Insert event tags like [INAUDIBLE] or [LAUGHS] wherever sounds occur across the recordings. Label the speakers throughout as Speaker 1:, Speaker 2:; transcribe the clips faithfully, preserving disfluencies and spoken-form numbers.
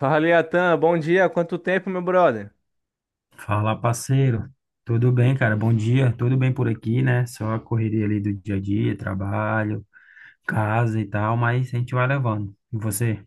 Speaker 1: Fala, Iatan. Bom dia. Quanto tempo, meu brother?
Speaker 2: Fala, parceiro. Tudo bem, cara? Bom dia. Tudo bem por aqui, né? Só a correria ali do dia a dia, trabalho, casa e tal, mas a gente vai levando. E você?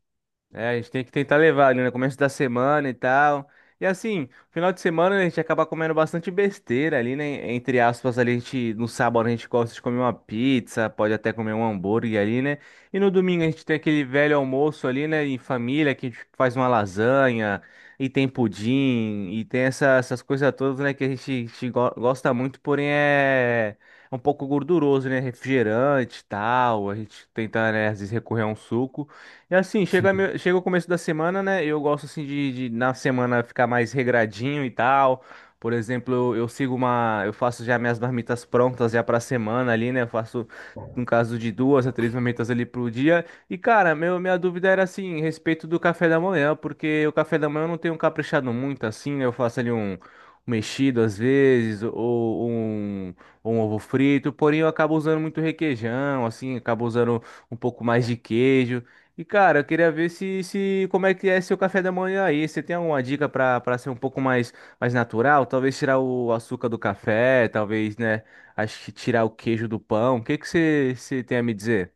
Speaker 1: É, a gente tem que tentar levar ali no começo da semana e tal. E assim, final de semana né, a gente acaba comendo bastante besteira ali, né? Entre aspas, ali a gente, no sábado a gente gosta de comer uma pizza, pode até comer um hambúrguer ali, né? E no domingo a gente tem aquele velho almoço ali, né? Em família, que a gente faz uma lasanha, e tem pudim, e tem essa- essas coisas todas, né? Que a gente, a gente go- gosta muito, porém é. é um pouco gorduroso, né? Refrigerante e tal. A gente tenta, né, às vezes recorrer a um suco. E assim, chega,
Speaker 2: Sim.
Speaker 1: meu- chega o começo da semana, né? Eu gosto assim de, de na semana ficar mais regradinho e tal. Por exemplo, eu, eu sigo uma. eu faço já minhas marmitas prontas já pra semana ali, né? Eu faço, no caso, de duas a três marmitas ali pro dia. E, cara, meu, minha dúvida era assim, a respeito do café da manhã, porque o café da manhã eu não tenho caprichado muito assim, né? Eu faço ali um. um mexido às vezes, ou um, ou um ovo frito, porém eu acabo usando muito requeijão, assim, acabo usando um pouco mais de queijo. E cara, eu queria ver se, se como é que é seu café da manhã aí. Você tem alguma dica para para ser um pouco mais mais natural? Talvez tirar o açúcar do café, talvez, né? Acho que tirar o queijo do pão. O que que você você tem a me dizer?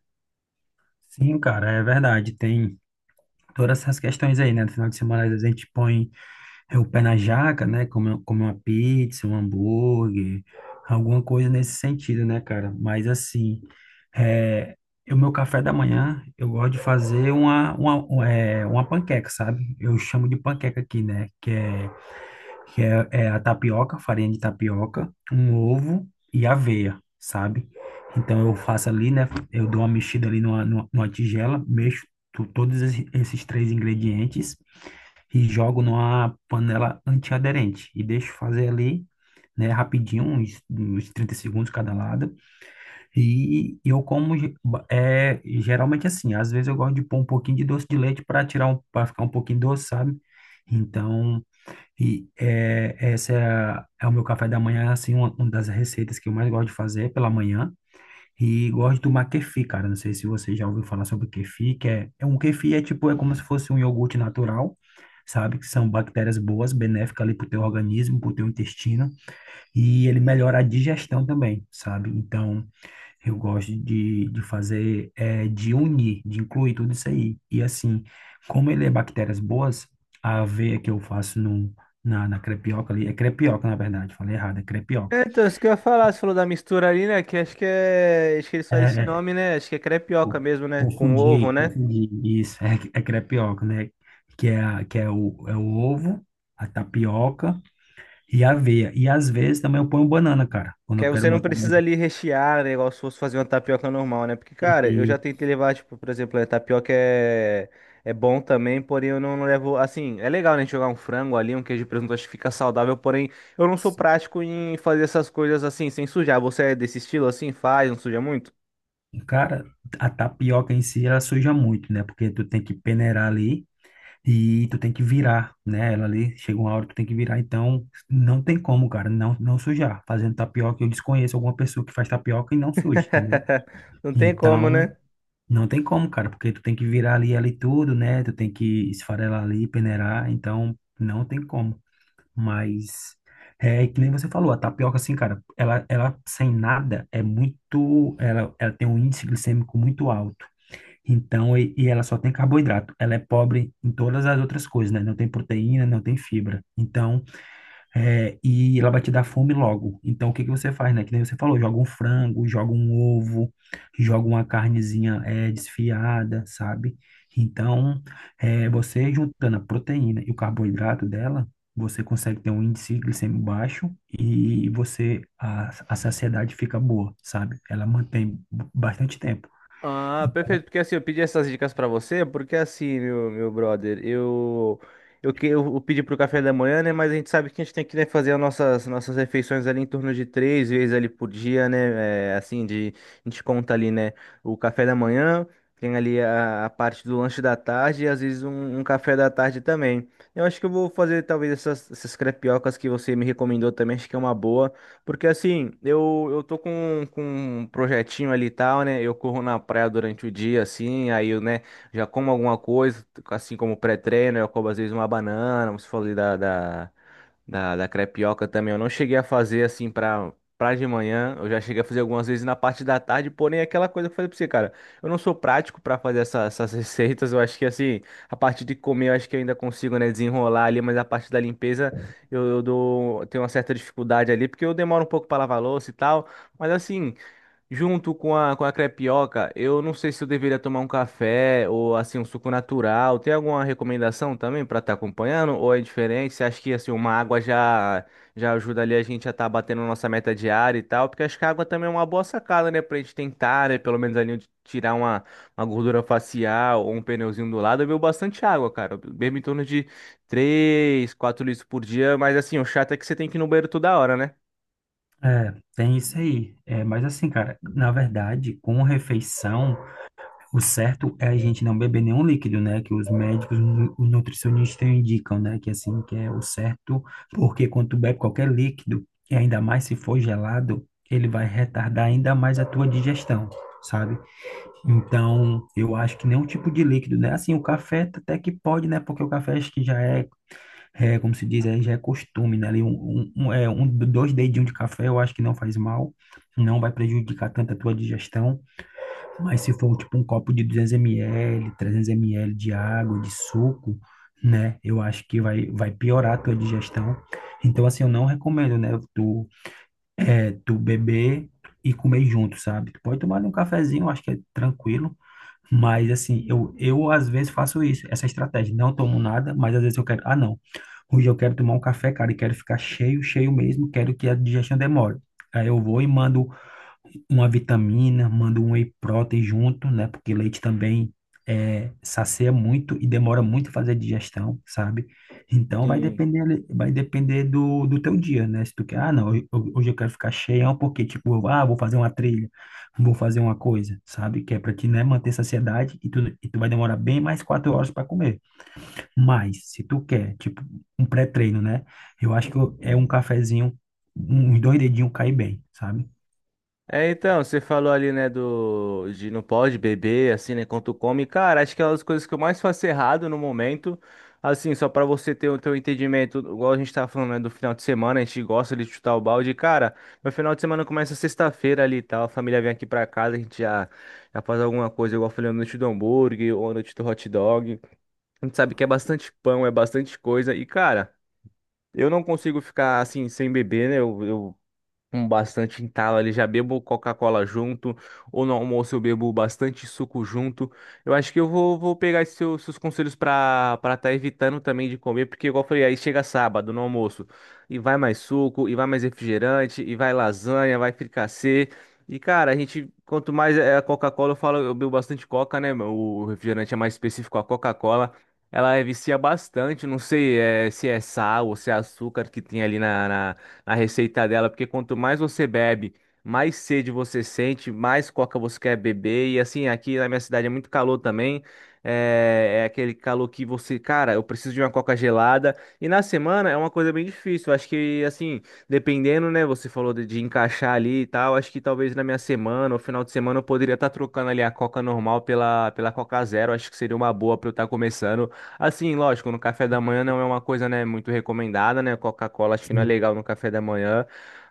Speaker 2: Sim, cara, é verdade. Tem todas essas questões aí, né? No final de semana, às vezes a gente põe é, o pé na jaca, né? Come, come uma pizza, um hambúrguer, alguma coisa nesse sentido, né, cara? Mas assim. É, o meu café da manhã, eu gosto de fazer uma, uma, um, é, uma panqueca, sabe? Eu chamo de panqueca aqui, né? Que é, que é, é a tapioca, farinha de tapioca, um ovo e aveia, sabe? Então eu faço ali, né? Eu dou uma mexida ali numa, numa, numa tigela, mexo to- todos esses esses três ingredientes e jogo numa panela antiaderente e deixo fazer ali, né? Rapidinho, uns, uns trinta segundos cada lado. E eu como ge- ba- é geralmente assim, às vezes eu gosto de pôr um pouquinho de doce de leite para tirar um, para ficar um pouquinho doce, sabe? Então, e é, essa é, a- é o meu café da manhã, assim, uma, uma das receitas que eu mais gosto de fazer pela manhã. E gosto de tomar kefir, cara. Não sei se você já ouviu falar sobre kefir, que é, é um kefir é tipo, é como se fosse um iogurte natural, sabe? Que são bactérias boas, benéficas ali pro teu organismo, pro teu intestino. E ele melhora a digestão também, sabe? Então eu gosto de, de fazer, é, de unir, de incluir tudo isso aí. E assim, como ele é bactérias boas, a aveia que eu faço no, na, na crepioca ali, é crepioca na verdade, falei errado, é
Speaker 1: É,
Speaker 2: crepioca.
Speaker 1: então, isso que eu ia falar, você falou da mistura ali, né? Que acho que é. Acho que eles
Speaker 2: É,
Speaker 1: fazem esse
Speaker 2: é,
Speaker 1: nome, né? Acho que é crepioca
Speaker 2: co-
Speaker 1: mesmo, né? Com ovo,
Speaker 2: confundi,
Speaker 1: né?
Speaker 2: confundi, isso, é, é crepioca, né? Que é, a- que é, o, é o ovo, a tapioca e a aveia. E às vezes também eu ponho banana, cara, quando
Speaker 1: Que
Speaker 2: eu
Speaker 1: aí
Speaker 2: quero
Speaker 1: você não
Speaker 2: botar mais.
Speaker 1: precisa ali rechear, né, igual se fosse fazer uma tapioca normal, né? Porque, cara, eu já tentei levar, tipo, por exemplo, a tapioca é, é bom também, porém eu não, não levo. Assim, é legal, né? A gente jogar um frango ali, um queijo de presunto, acho que fica saudável, porém eu não sou prático em fazer essas coisas assim, sem sujar. Você é desse estilo assim? Faz, não suja muito?
Speaker 2: Cara, a tapioca em si ela suja muito, né? Porque tu tem que peneirar ali e tu tem que virar, né? Ela ali chega uma hora que tu tem que virar, então não tem como, cara, não não sujar. Fazendo tapioca, eu desconheço alguma pessoa que faz tapioca e não suja, entendeu?
Speaker 1: [LAUGHS] Não tem como, né?
Speaker 2: Então, não tem como, cara, porque tu tem que virar ali ali tudo, né? Tu tem que esfarelar ali, peneirar, então não tem como. Mas é que nem você falou, a tapioca, assim, cara, ela, ela sem nada é muito. Ela, ela tem um índice glicêmico muito alto. Então, e, e ela só tem carboidrato. Ela é pobre em todas as outras coisas, né? Não tem proteína, não tem fibra. Então, é, e ela vai te dar fome logo. Então, o que que você faz, né? Que nem você falou, joga um frango, joga um ovo, joga uma carnezinha, é, desfiada, sabe? Então, é, você juntando a proteína e o carboidrato dela, você consegue ter um índice glicêmico baixo e você, a, a saciedade fica boa, sabe? Ela mantém bastante tempo.
Speaker 1: Ah, perfeito,
Speaker 2: Então,
Speaker 1: porque assim, eu pedi essas dicas pra você, porque assim, meu, meu brother, eu, eu, que- eu pedi pro café da manhã, né, mas a gente sabe que a gente tem que, né, fazer as nossas, nossas refeições ali em torno de três vezes ali por dia, né, é, assim, de, a gente conta ali, né, o café da manhã, tem ali a, a parte do lanche da tarde e às vezes um, um café da tarde também. Eu acho que eu vou fazer talvez essas, essas crepiocas que você me recomendou também, acho que é uma boa. Porque assim, eu, eu tô com, com um projetinho ali e tal, né? Eu corro na praia durante o dia, assim, aí eu, né, já como alguma coisa, assim como pré-treino, eu como às vezes uma banana, você falou ali da, da, da, da crepioca também. Eu não cheguei a fazer assim pra, pra de manhã, eu já cheguei a fazer algumas vezes na parte da tarde, porém é aquela coisa que eu falei pra você, cara, eu não sou prático pra fazer essa- essas [LAUGHS] receitas, eu acho que assim, a parte de comer eu acho que eu ainda consigo, né, desenrolar ali, mas a parte da limpeza eu, eu dou, tenho uma certa dificuldade ali, porque eu demoro um pouco para lavar louça e tal. Mas assim, junto com a, com a crepioca, eu não sei se eu deveria tomar um café ou assim um suco natural. Tem alguma recomendação também para estar acompanhando? Ou é diferente? Você acha que assim uma água já já ajuda ali a gente a estar batendo nossa meta diária e tal? Porque acho que a água também é uma boa sacada, né? Pra gente tentar, né? Pelo menos ali de tirar uma, uma gordura facial ou um pneuzinho do lado. Eu bebo bastante água, cara. Eu bebo em torno de três, quatro litros por dia. Mas assim, o chato é que você tem que ir no banheiro toda hora, né?
Speaker 2: é, tem isso aí. É, mas assim, cara, na verdade, com refeição, o certo é a gente não beber nenhum líquido, né? Que os médicos, nu- os nutricionistas indicam, né? Que assim, que é o certo, porque quando tu bebe qualquer líquido, e ainda mais se for gelado, ele vai retardar ainda mais a tua digestão, sabe? Então, eu acho que nenhum tipo de líquido, né? Assim, o café até que pode, né? Porque o café acho que já é é, como se diz, aí já é costume, né? Ali um, um, um- é, um, dois dedinhos de café eu acho que não faz mal, não vai prejudicar tanto a tua digestão, mas se for tipo um copo de duzentos mililitros, trezentos mililitros de água, de suco, né? Eu acho que vai, vai piorar a tua digestão. Então, assim, eu não recomendo, né? Tu, é, tu beber e comer junto, sabe? Tu pode tomar ali um cafezinho, eu acho que é tranquilo, mas assim, eu, eu às vezes faço isso, essa estratégia. Não tomo nada, mas às vezes eu quero, ah, não. Hoje eu quero tomar um café, cara, e quero ficar cheio, cheio mesmo, quero que a digestão demore. Aí eu vou e mando uma vitamina, mando um whey protein junto, né? Porque leite também é, sacia muito e demora muito fazer a digestão, sabe? Então vai
Speaker 1: Sim.
Speaker 2: depender, ali- vai depender do, do teu dia, né? Se tu quer, ah, não, ho- ho- hoje eu quero ficar cheião porque, tipo, eu, ah, vou fazer uma trilha, vou fazer uma coisa, sabe? Que é pra te, né, manter saciedade e tu, e tu vai demorar bem mais quatro horas para comer. Mas, se tu quer, tipo, um pré-treino, né? Eu acho que eu- é um cafezinho, uns dois dedinhos cai bem, sabe?
Speaker 1: É, então, você falou ali, né, do de não pode beber, assim, né, quando come. Cara, acho que é uma das coisas que eu mais faço errado no momento. Assim, só pra você ter o teu entendimento, igual a gente tava falando, né, do final de semana, a gente gosta de chutar o balde. Cara, meu final de semana começa sexta-feira ali e tal, a família vem aqui pra casa, a gente já, já faz alguma coisa, igual eu falei, a noite do hambúrguer ou a noite do hot dog. A gente sabe que é bastante pão, é bastante coisa. E, cara, eu não consigo ficar, assim, sem beber, né, eu, eu com bastante entalo ali, já bebo Coca-Cola junto, ou no almoço eu bebo bastante suco junto. Eu acho que eu vou, vou pegar esses seus, seus conselhos pra para tá evitando também de comer, porque igual eu falei, aí chega sábado no almoço e vai mais suco, e vai mais refrigerante, e vai lasanha, vai fricassê. E cara, a gente, quanto mais é a Coca-Cola, eu falo, eu bebo bastante Coca, né? O refrigerante é mais específico, a Coca-Cola. Ela é, vicia bastante, não sei eh, se é sal ou se é açúcar que tem ali na, na- na receita dela, porque quanto mais você bebe, mais sede você sente, mais coca você quer beber. E assim, aqui na minha cidade é muito calor também. É, é aquele calor que você, cara, eu preciso de uma coca gelada. E na semana é uma coisa bem difícil. Eu acho que, assim, dependendo, né? Você falou de, de encaixar ali e tal. Acho que talvez na minha semana ou final de semana eu poderia estar trocando ali a coca normal pela, pela coca zero. Acho que seria uma boa para eu estar começando. Assim, lógico, no café da manhã não é uma coisa, né, muito recomendada, né? Coca-Cola acho que não é
Speaker 2: Sim.
Speaker 1: legal no café da manhã.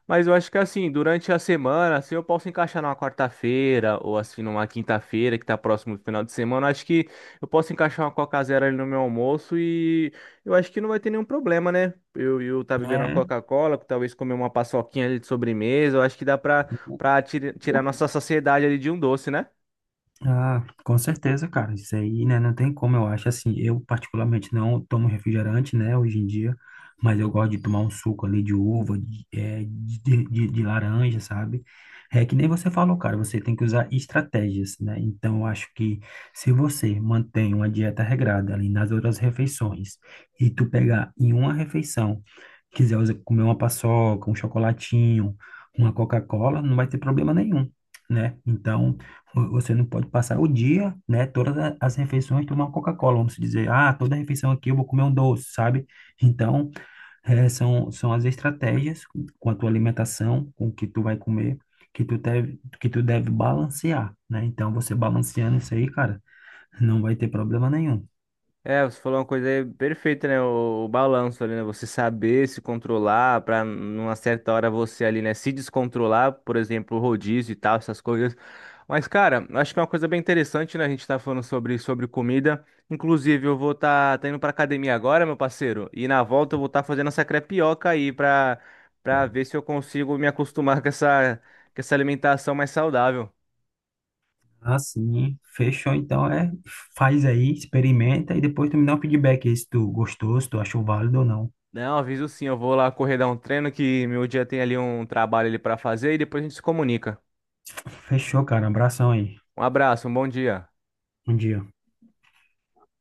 Speaker 1: Mas eu acho que assim, durante a semana, assim, eu posso encaixar numa quarta-feira ou assim numa quinta-feira que tá próximo do final de semana, eu acho que eu posso encaixar uma Coca Zero ali no meu almoço e eu acho que não vai ter nenhum problema, né? Eu, eu tá bebendo uma
Speaker 2: É,
Speaker 1: Coca-Cola, talvez comer uma paçoquinha ali de sobremesa, eu acho que dá pra, pra tira- tirar nossa saciedade ali de um doce, né?
Speaker 2: ah, com certeza, cara. Isso aí, né? Não tem como, eu acho. Assim, eu particularmente não tomo refrigerante, né? Hoje em dia, mas eu gosto de tomar um suco ali de uva, de, é, de, de, de laranja, sabe? É que nem você falou, cara. Você tem que usar estratégias, né? Então, eu acho que se você mantém uma dieta regrada ali nas outras refeições e tu pegar em uma refeição, quiser usar- comer uma paçoca, um chocolatinho, uma Coca-Cola, não vai ter problema nenhum. Né? Então, Vo- Você não pode passar o dia, né? Todas a- as refeições tomar uma Coca-Cola, vamos dizer, ah, toda refeição aqui eu vou comer um doce, sabe? Então, eh, são, são as estratégias com a tua alimentação, com o que tu vai comer, que tu deve, que tu deve balancear, né? Então, você balanceando isso aí, cara, não vai ter problema nenhum.
Speaker 1: É, você falou uma coisa aí perfeita, né? O, o balanço ali, né? Você saber se controlar para numa certa hora você ali, né? Se descontrolar, por exemplo, o rodízio e tal, essas coisas. Mas, cara, eu acho que é uma coisa bem interessante, né? A gente tá falando sobre, sobre comida. Inclusive, eu vou estar tá, tá indo pra academia agora, meu parceiro. E na volta eu vou estar fazendo essa crepioca aí pra, pra ver se eu consigo me acostumar [LAUGHS] com essa, com essa alimentação mais saudável.
Speaker 2: Assim, fechou. Então, é, faz aí, experimenta e depois tu me dá um feedback aí se tu gostou, se tu achou válido ou não.
Speaker 1: Não, aviso sim, eu vou lá correr dar um treino que meu dia tem ali um trabalho ali para fazer e depois a gente se comunica.
Speaker 2: Fechou, cara. Abração aí.
Speaker 1: Um abraço, um bom dia.
Speaker 2: Bom dia.